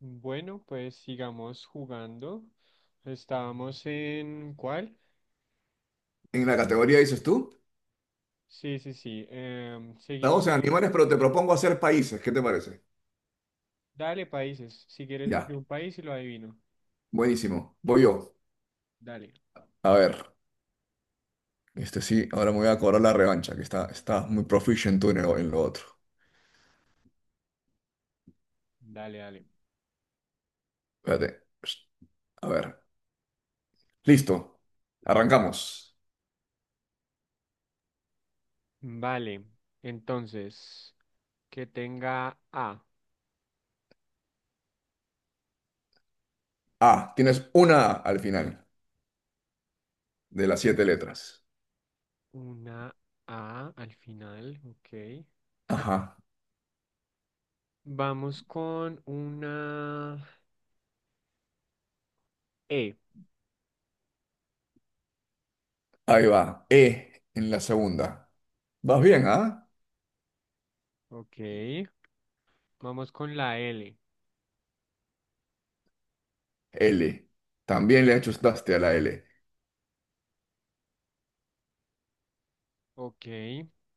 Bueno, pues sigamos jugando. Estábamos en ¿cuál? En la categoría dices tú, Sí, sí, sí. Seguimos estamos en en los más. animales, pero te propongo hacer países. ¿Qué te parece? Dale, países. Si quieres Ya, escribir un país y lo adivino. buenísimo. Voy yo. Dale, A ver, este sí, ahora me voy a cobrar la revancha, que está muy proficient tú en lo otro. dale. Espérate. Psst, a ver, listo. Arrancamos. Vale. Entonces, que tenga A. A, tienes una A al final de las siete letras. Una A al final. Ok. Ajá, Vamos con una E. ahí va. E en la segunda. Vas bien, ¿ah? Ok. Vamos con la L. L. También le ajustaste a la L. Ok.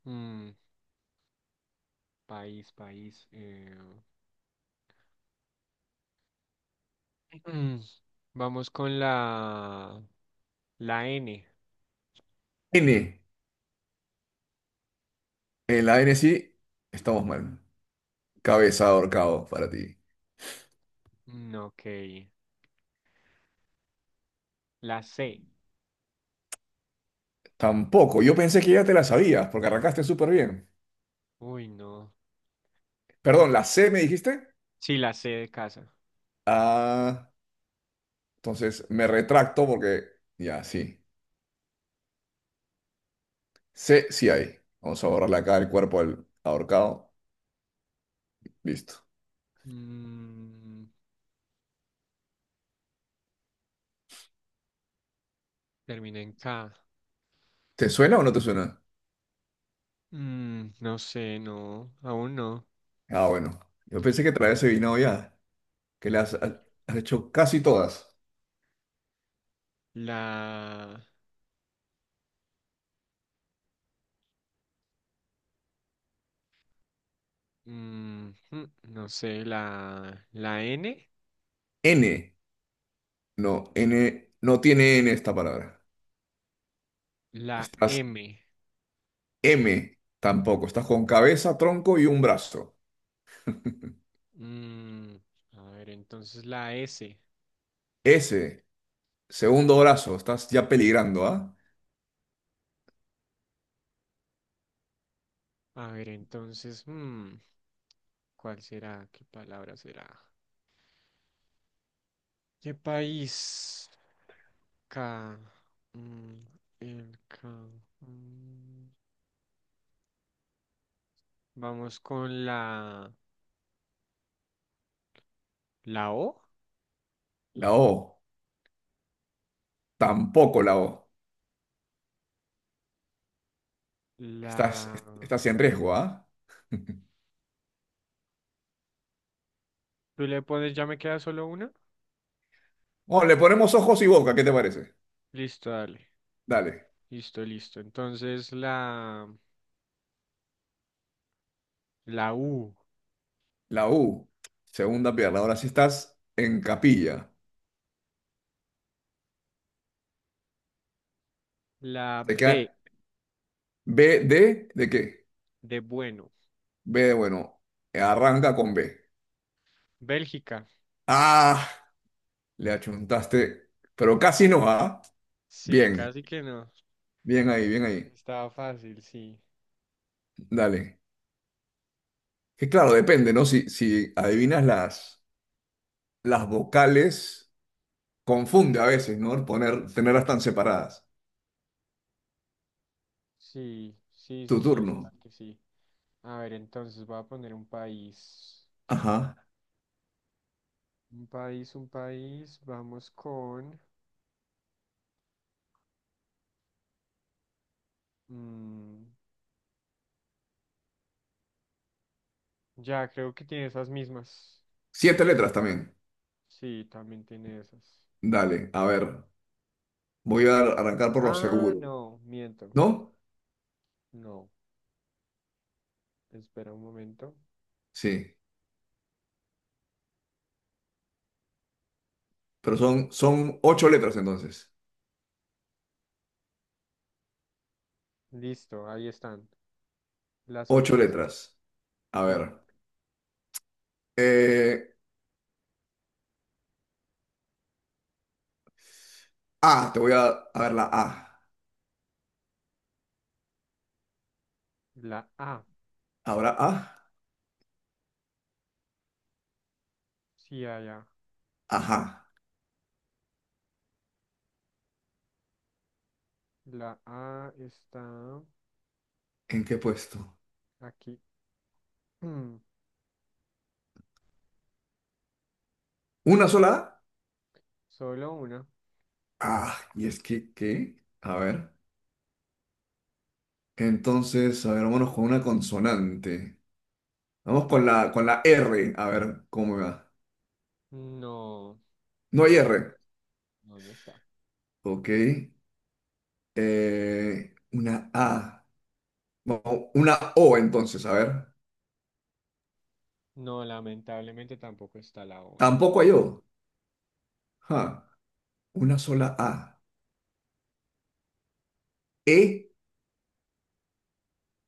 mm, País, país. Mm, Vamos con la N. N. En la N sí, estamos mal. Cabeza de ahorcado para ti. Ok. La C. Tampoco. Yo pensé que ya te la sabías porque arrancaste súper bien. Uy, no. Perdón, ¿la Mm, C me dijiste? Sí, la C de casa. Ah, entonces me retracto porque ya, sí. C sí hay. Vamos a borrarle acá el cuerpo al ahorcado. Listo. Mm, Termina en K. ¿Te suena o no te suena? No sé, no. Aún no. Ah, bueno. Yo pensé que traías adivinado ya, que le has hecho casi todas. La... no sé, la N. N. No, N. No tiene N esta palabra. La Estás M. M. Tampoco. Estás con cabeza, tronco y un brazo. Mm, a ver, entonces la S. S. Segundo brazo, estás ya peligrando, ¿ah? A ver, entonces, ¿cuál será? ¿Qué palabra será? ¿Qué país? K. mm, el K. mm. Vamos con la O. La O, tampoco la O. Estás, La... estás en riesgo, ¿ah? ¿Tú le pones, ya me queda solo una? Bueno, le ponemos ojos y boca, ¿qué te parece? Listo, dale. Dale. Listo, listo. Entonces la U. La U, segunda pierna. Ahora sí estás en capilla. La Te queda B B ¿de qué? de bueno. B de bueno. Arranca con B. Bélgica. Ah, le achuntaste, pero casi no, ¿ah? Sí, Bien, casi que no. bien ahí, bien ahí. Estaba fácil, sí. Dale. Que claro, depende, ¿no? Si adivinas las vocales. Confunde a veces, ¿no? Poner, tenerlas tan separadas. Sí, sí, Tu sí, sí, turno. total que sí. A ver, entonces voy a poner un país. Ajá. Un país, un país, vamos con... mm, ya, creo que tiene esas mismas. Siete letras también. Sí, también tiene esas. Dale, a ver. Voy a arrancar por lo Ah, seguro. no, miento. ¿No? No, espera un momento. Sí. Pero son ocho letras entonces. Listo, ahí están. Las Ocho ocho. letras. A Sí, ver. Eh, A, a ver la A. la A. Ahora A. Sí, allá. Ajá. La A está ¿En qué puesto? aquí. Mm, ¿Una sola Solo una. A? Ah, y es que, ¿qué? A ver. Entonces, a ver, vámonos con una consonante. Vamos con la R. A ver, ¿cómo me va? No, No no hay está. R. No, no está. Ok. Una A. Vamos, una O entonces, a ver. No, lamentablemente tampoco está la O. El todo. Tampoco hay O. Ja, una sola A. E,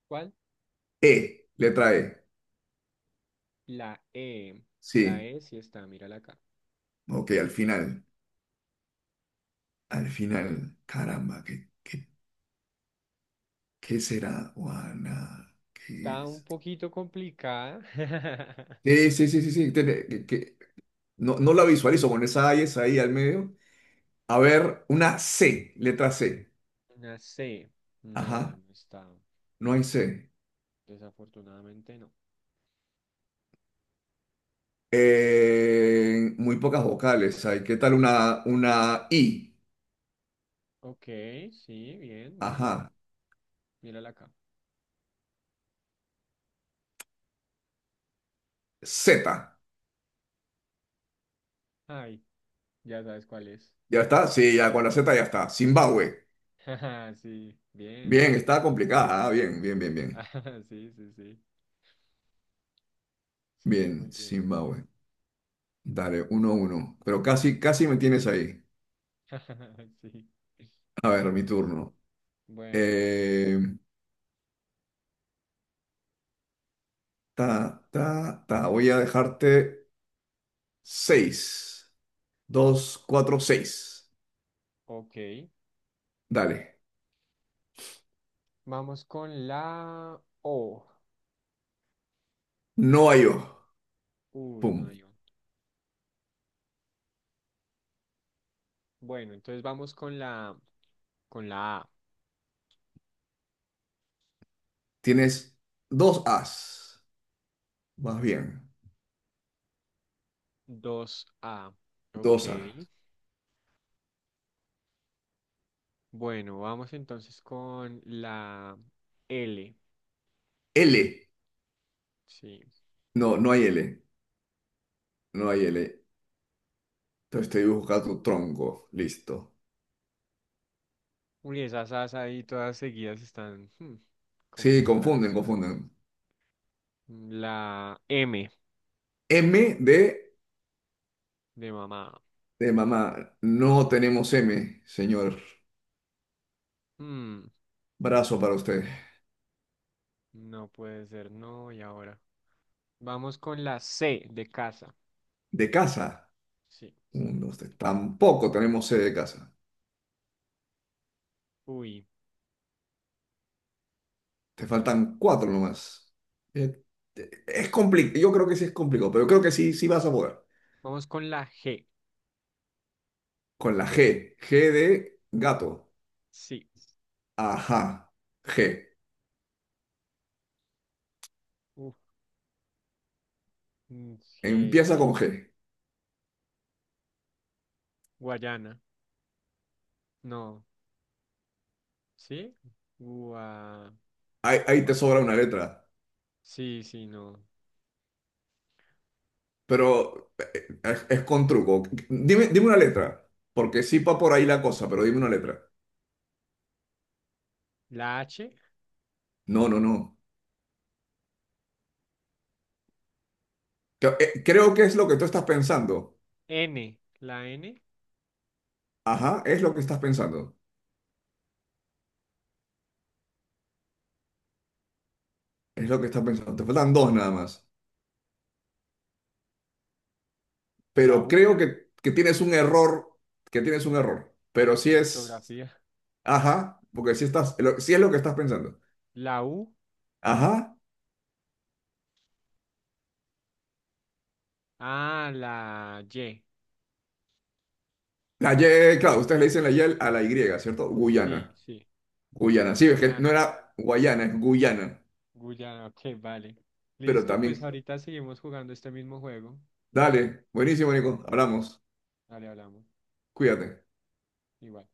¿Cuál? E, letra E. La E, la Sí. E sí está, mírala acá. Ok, al final. Al final. Caramba, ¿qué será? Juana, ¿qué Está un es? poquito complicada. Sí, sí, sí, sí. No, no la visualizo con esa A y esa I al medio. A ver, una C, letra C. Una C, no, Ajá, no está. no hay C. Desafortunadamente no. Muy pocas vocales hay. ¿Qué tal una I? Ok, sí, bien, muy bien. Ajá. Mírala acá. Z. Ay, ya sabes cuál es. ¿Ya está? Sí, ya con la Z ya está. Zimbabue. Sí, bien. Bien, está complicada. Bien, bien, bien, bien. Sí, sí, sí. Sí, Bien, muy bien. Zimbabue. Dale, uno, uno. Pero casi, casi me tienes ahí. Sí, A ver, casi, mi casi. turno. Bueno, Eh, ta, ta, ta. Voy a dejarte seis. Dos, cuatro, seis. ok. Dale. Vamos con la O. No hay O. Uy, no Pum. hay O. Bueno, entonces vamos con la... Con la A, Tienes dos As. Más bien, 2A. dos Ok. Bueno, vamos entonces con la L. L. Sí. No, no hay L. No hay L. Entonces estoy buscando tronco. Listo. Uy, esas As ahí todas seguidas están hmm, como Sí, confunden, extrañas. confunden. La M M de, de mamá. de mamá. No tenemos M, señor. Hmm, Brazo para usted. no puede ser, no, y ahora. Vamos con la C de casa. De casa. Sí. Uno, usted. Tampoco tenemos C de casa. Uy. Te faltan cuatro nomás. Eh, Es complicado. Yo creo que sí es complicado, pero creo que sí, sí vas a poder. Vamos con la G. Con la G. G de gato. Sí. Ajá. G. Uf, mm, G. Empieza con G. Guayana. No. ¿Sí? Gua... Ahí te sobra una letra, Sí, sí, no. pero es con truco. Dime, dime una letra, porque sí va por ahí la cosa, pero dime una letra. La H, No, no, no. Creo que es lo que tú estás pensando. N, Ajá, es lo que estás pensando. Es lo que estás pensando. Te faltan dos nada más. la Pero U creo que tienes un error, que tienes un error. Pero sí de es, ortografía. ajá, porque sí estás, sí es lo que estás pensando. La U, Ajá. ah, la Y. La Y, claro, ustedes le dicen la Y a la Y, ¿cierto? Sí, Guyana. sí, Guyana. Sí, es que no Guyana, era Guayana, es Guyana. Guyana, ok, vale. Pero Listo, pues también, ahorita seguimos jugando este mismo juego. dale, buenísimo, Dale, Nico, hablamos, dale, hablamos. cuídate. Igual.